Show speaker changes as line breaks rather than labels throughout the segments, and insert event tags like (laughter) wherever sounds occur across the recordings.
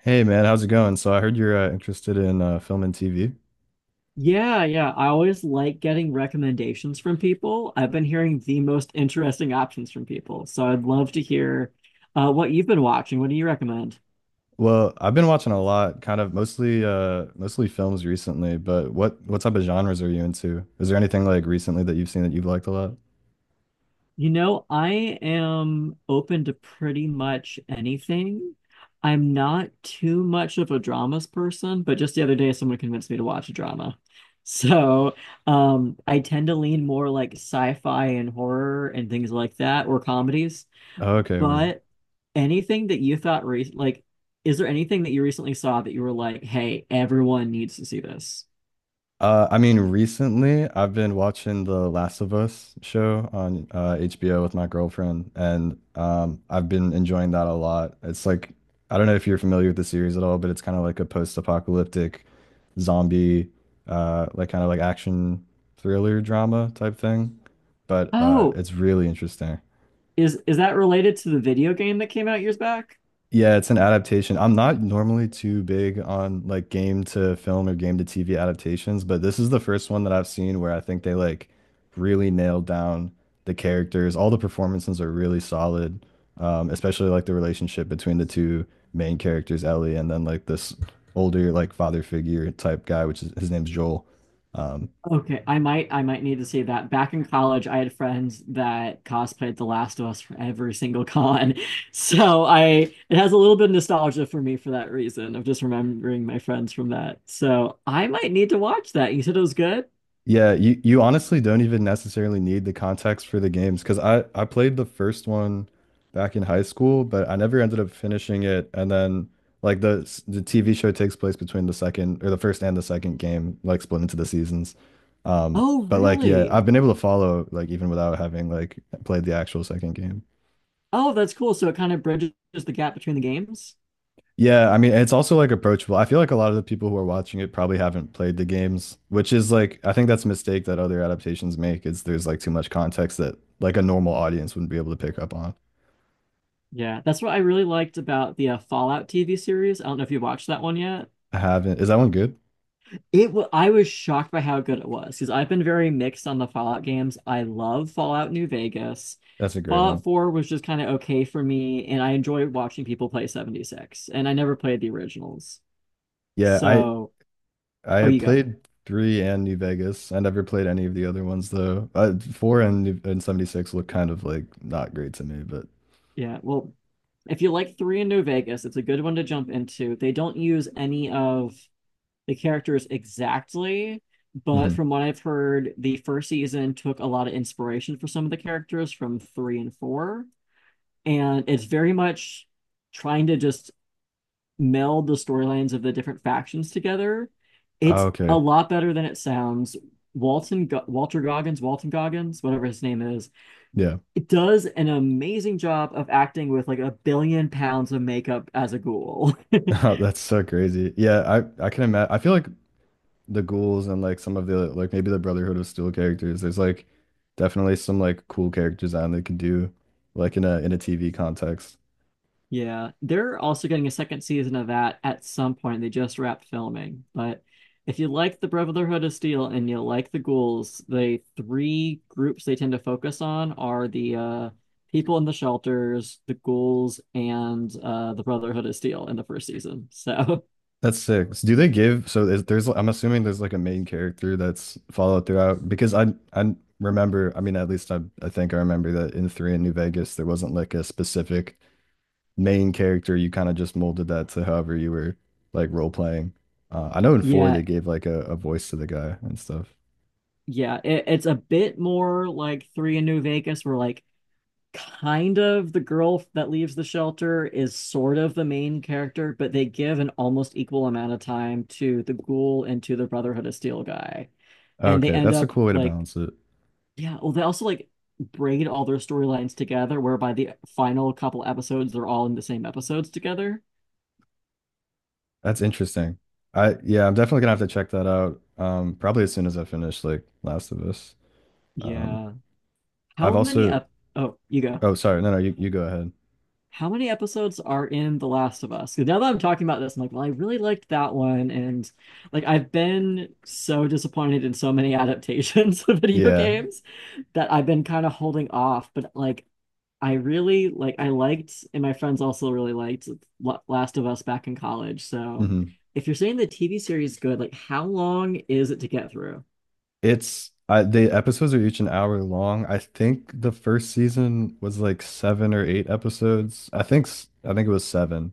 Hey man, how's it going? So I heard you're interested in film and TV.
Yeah, yeah. I always like getting recommendations from people. I've been hearing the most interesting options from people. So I'd love to hear what you've been watching. What do you recommend?
Well, I've been watching a lot, kind of mostly mostly films recently. But what type of genres are you into? Is there anything like recently that you've seen that you've liked a lot?
I am open to pretty much anything. I'm not too much of a dramas person, but just the other day, someone convinced me to watch a drama. (laughs) So I tend to lean more like sci-fi and horror and things like that, or comedies.
Oh, okay, weird.
But anything that you like is there anything that you recently saw that you were like, "Hey, everyone needs to see this."
I mean, recently I've been watching The Last of Us show on HBO with my girlfriend, and I've been enjoying that a lot. It's like, I don't know if you're familiar with the series at all, but it's kind of like a post-apocalyptic zombie, like kind of like action thriller drama type thing. But
Oh,
it's really interesting.
is that related to the video game that came out years back?
Yeah, it's an adaptation. I'm not normally too big on like game to film or game to TV adaptations, but this is the first one that I've seen where I think they like really nailed down the characters. All the performances are really solid, especially like the relationship between the two main characters, Ellie, and then like this older like father figure type guy, which is his name's Joel. Um,
Okay, I might need to see that. Back in college, I had friends that cosplayed The Last of Us for every single con. (laughs) So I it has a little bit of nostalgia for me for that reason of just remembering my friends from that. So I might need to watch that. You said it was good?
Yeah, you honestly don't even necessarily need the context for the games because I played the first one back in high school, but I never ended up finishing it. And then like the TV show takes place between the second or the first and the second game, like split into the seasons.
Oh,
But like yeah,
really?
I've been able to follow like even without having like played the actual second game.
Oh, that's cool. So it kind of bridges the gap between the games.
Yeah, I mean, it's also like approachable. I feel like a lot of the people who are watching it probably haven't played the games, which is like I think that's a mistake that other adaptations make is there's like too much context that like a normal audience wouldn't be able to pick up on.
Yeah, that's what I really liked about the Fallout TV series. I don't know if you watched that one yet.
I haven't. Is that one good?
It wa I was shocked by how good it was because I've been very mixed on the Fallout games. I love Fallout New Vegas.
That's a great
Fallout
one.
4 was just kind of okay for me, and I enjoy watching people play 76. And I never played the originals.
Yeah, I
So, oh,
I
you go.
played three and New Vegas. I never played any of the other ones though. Four and 76 look kind of like not great to me, but
Yeah, well, if you like 3 in New Vegas, it's a good one to jump into. They don't use any of the characters exactly, but
mhm.
from what I've heard, the first season took a lot of inspiration for some of the characters from three and four. And it's very much trying to just meld the storylines of the different factions together.
Oh,
It's a
okay.
lot better than it sounds. Walter Goggins, Walton Goggins, whatever his name is,
Yeah.
it does an amazing job of acting with like a billion pounds of makeup as a ghoul.
(laughs)
(laughs)
That's so crazy. Yeah, I can imagine. I feel like the ghouls and like some of the like maybe the Brotherhood of Steel characters. There's like definitely some like cool character design they could do like in a TV context.
Yeah, they're also getting a second season of that at some point. They just wrapped filming. But if you like the Brotherhood of Steel and you like the ghouls, the three groups they tend to focus on are the people in the shelters, the ghouls, and the Brotherhood of Steel in the first season. So
That's six. Do they give so is there's I'm assuming there's like a main character that's followed throughout because I remember I mean at least I think I remember that in three in New Vegas there wasn't like a specific main character. You kind of just molded that to however you were like role playing. I know
(laughs)
in four
yeah,
they gave like a voice to the guy and stuff.
yeah, it's a bit more like Three in New Vegas, where like kind of the girl that leaves the shelter is sort of the main character, but they give an almost equal amount of time to the ghoul and to the Brotherhood of Steel guy. And they
Okay,
end
that's a
up
cool way to
like,
balance it.
yeah, well, they also like braid all their storylines together, whereby the final couple episodes, they're all in the same episodes together.
That's interesting. I yeah, I'm definitely gonna have to check that out. Probably as soon as I finish like Last of Us. Um,
Yeah.
I've
How many
also
up? Oh, you go.
oh, sorry, no, you go ahead.
How many episodes are in The Last of Us? 'Cause now that I'm talking about this, I'm like, well, I really liked that one. And like, I've been so disappointed in so many adaptations (laughs) of video
Yeah,
games that I've been kind of holding off. But like, I liked, and my friends also really liked Last of Us back in college. So
hmm.
if you're saying the TV series is good, like, how long is it to get through?
It's I the episodes are each an hour long. I think the first season was like seven or eight episodes. I think it was seven.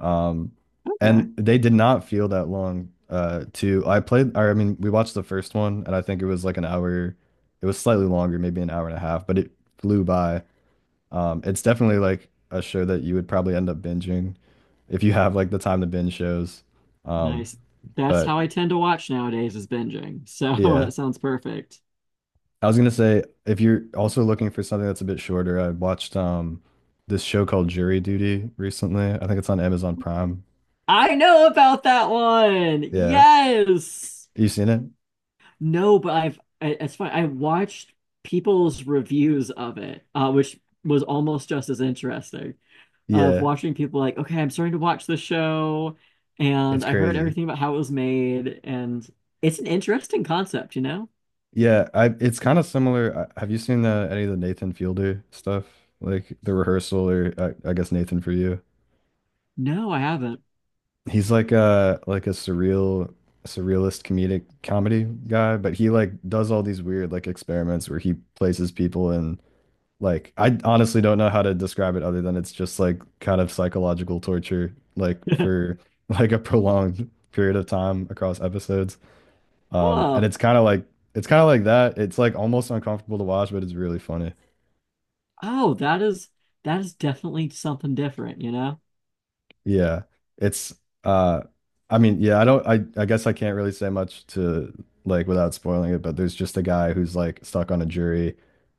Um,
Okay.
and they did not feel that long. To I played or I mean we watched the first one and I think it was like an hour. It was slightly longer, maybe an hour and a half, but it flew by. It's definitely like a show that you would probably end up binging if you have like the time to binge shows. Um,
Nice. That's how
but
I tend to watch nowadays is binging. So (laughs)
yeah,
that sounds perfect.
I was gonna say if you're also looking for something that's a bit shorter, I watched this show called Jury Duty recently. I think it's on Amazon Prime.
I know about that one.
Yeah,
Yes.
you seen it?
No, but it's fine. I watched people's reviews of it, which was almost just as interesting. Of
Yeah,
watching people like, okay, I'm starting to watch the show, and
it's
I heard
crazy.
everything about how it was made, and it's an interesting concept, you know?
Yeah, I it's kind of similar. I, have you seen any of the Nathan Fielder stuff, like the rehearsal or I guess Nathan for you?
No, I haven't.
He's like a surreal surrealist comedic comedy guy, but he like does all these weird like experiments where he places people in like I honestly don't know how to describe it other than it's just like kind of psychological torture like
(laughs)
for (laughs) like a prolonged period of time across episodes. And
Oh,
it's kind of like it's kind of like that. It's like almost uncomfortable to watch, but it's really funny.
oh, that is that is definitely something different, you know?
Yeah. It's uh I mean, yeah, I don't I guess I can't really say much to like without spoiling it, but there's just a guy who's like stuck on a jury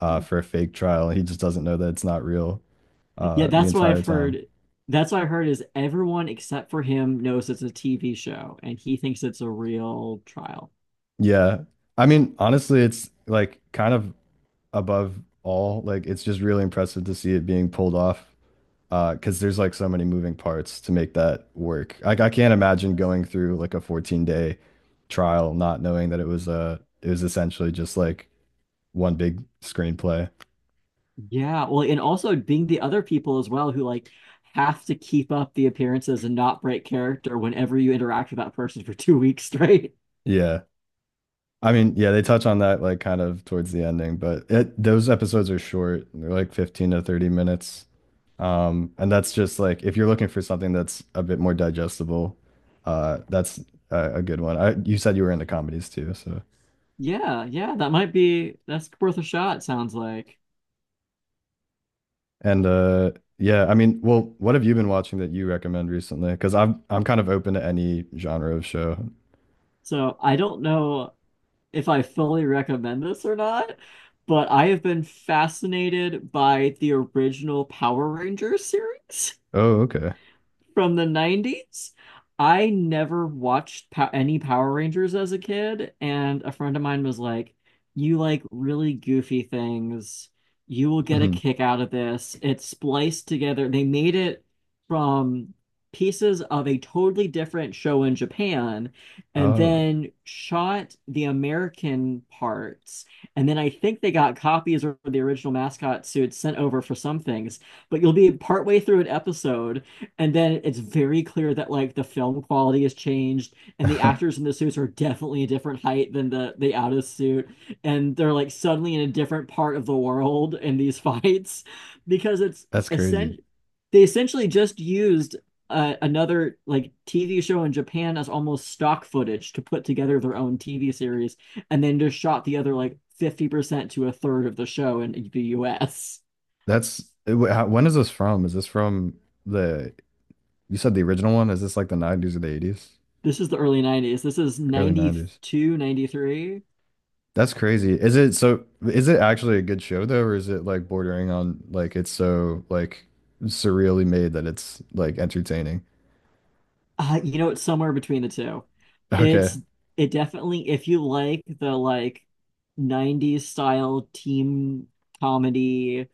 for a fake trial and he just doesn't know that it's not real
Yeah,
the
that's what
entire
I've
time.
heard. That's what I heard is everyone except for him knows it's a TV show and he thinks it's a real trial.
Yeah. I mean, honestly, it's like kind of above all. Like it's just really impressive to see it being pulled off. Because there's like so many moving parts to make that work. Like I can't imagine going through like a 14-day trial not knowing that it was essentially just like one big screenplay.
Yeah, well, and also being the other people as well who like have to keep up the appearances and not break character whenever you interact with that person for (laughs) 2 weeks straight.
Yeah. I mean, yeah, they touch on that like kind of towards the ending, but it those episodes are short. They're like 15 to 30 minutes. And that's just like if you're looking for something that's a bit more digestible, that's a good one. I, you said you were into comedies too, so
Yeah, yeah, that might be that's worth a shot, sounds like.
And yeah, I mean, well, what have you been watching that you recommend recently? Because I'm kind of open to any genre of show.
So I don't know if I fully recommend this or not, but I have been fascinated by the original Power Rangers series
Oh, okay.
from the 90s. I never watched pow any Power Rangers as a kid, and a friend of mine was like, "You like really goofy things. You will get a
Hmm.
kick out of this." It's spliced together. They made it from pieces of a totally different show in Japan and
Oh,
then shot the American parts. And then I think they got copies of the original mascot suits sent over for some things, but you'll be partway through an episode and then it's very clear that like the film quality has changed, and the actors
(laughs)
in the suits are definitely a different height than the out of suit, and they're like suddenly in a different part of the world in these (laughs) fights, because it's
that's crazy.
essen they essentially just used another like TV show in Japan as almost stock footage to put together their own TV series, and then just shot the other like 50% to a third of the show in the US.
That's it, how, when is this from? Is this from the you said the original one? Is this like the 90s or the 80s?
This is the early 90s. This is
Early
ninety
90s.
two, '93.
That's crazy. Is it so is it actually a good show though, or is it like bordering on like it's so like surreally made that it's like entertaining? (laughs)
You know, it's somewhere between the two.
Okay.
It's it definitely if you like the 90s style team comedy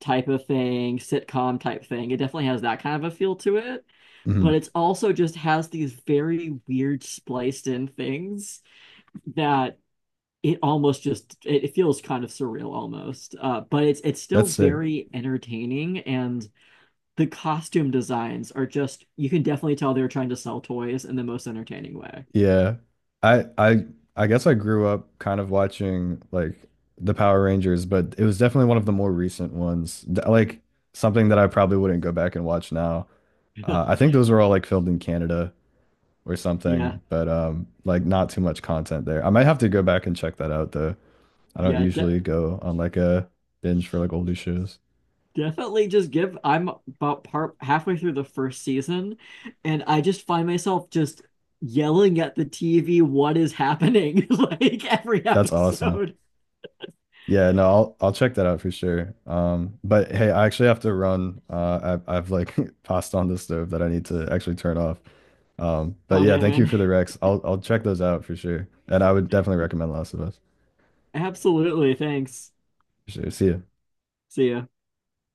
type of thing, sitcom type thing, it definitely has that kind of a feel to it.
Hmm.
But it's also just has these very weird spliced in things that it feels kind of surreal almost. But it's still
That's sick.
very entertaining and the costume designs are just you can definitely tell they're trying to sell toys in the most entertaining way.
Yeah. I I I guess I grew up kind of watching like the Power Rangers, but it was definitely one of the more recent ones. Like something that I probably wouldn't go back and watch now. I
(laughs)
think those were all like filmed in Canada or
Yeah.
something, but like not too much content there. I might have to go back and check that out though. I don't
Yeah, de-
usually go on like a binge for like older shows.
definitely just give I'm about part halfway through the first season and I just find myself just yelling at the TV what is happening (laughs) like every
That's awesome.
episode.
Yeah, no, I'll check that out for sure. But hey, I actually have to run. I've like (laughs) passed on the stove that I need to actually turn off. But
Oh,
yeah,
damn,
thank you
man!
for the Rex. I'll check those out for sure, and I would definitely recommend Last of Us
Absolutely. Thanks.
for sure. See ya.
See ya.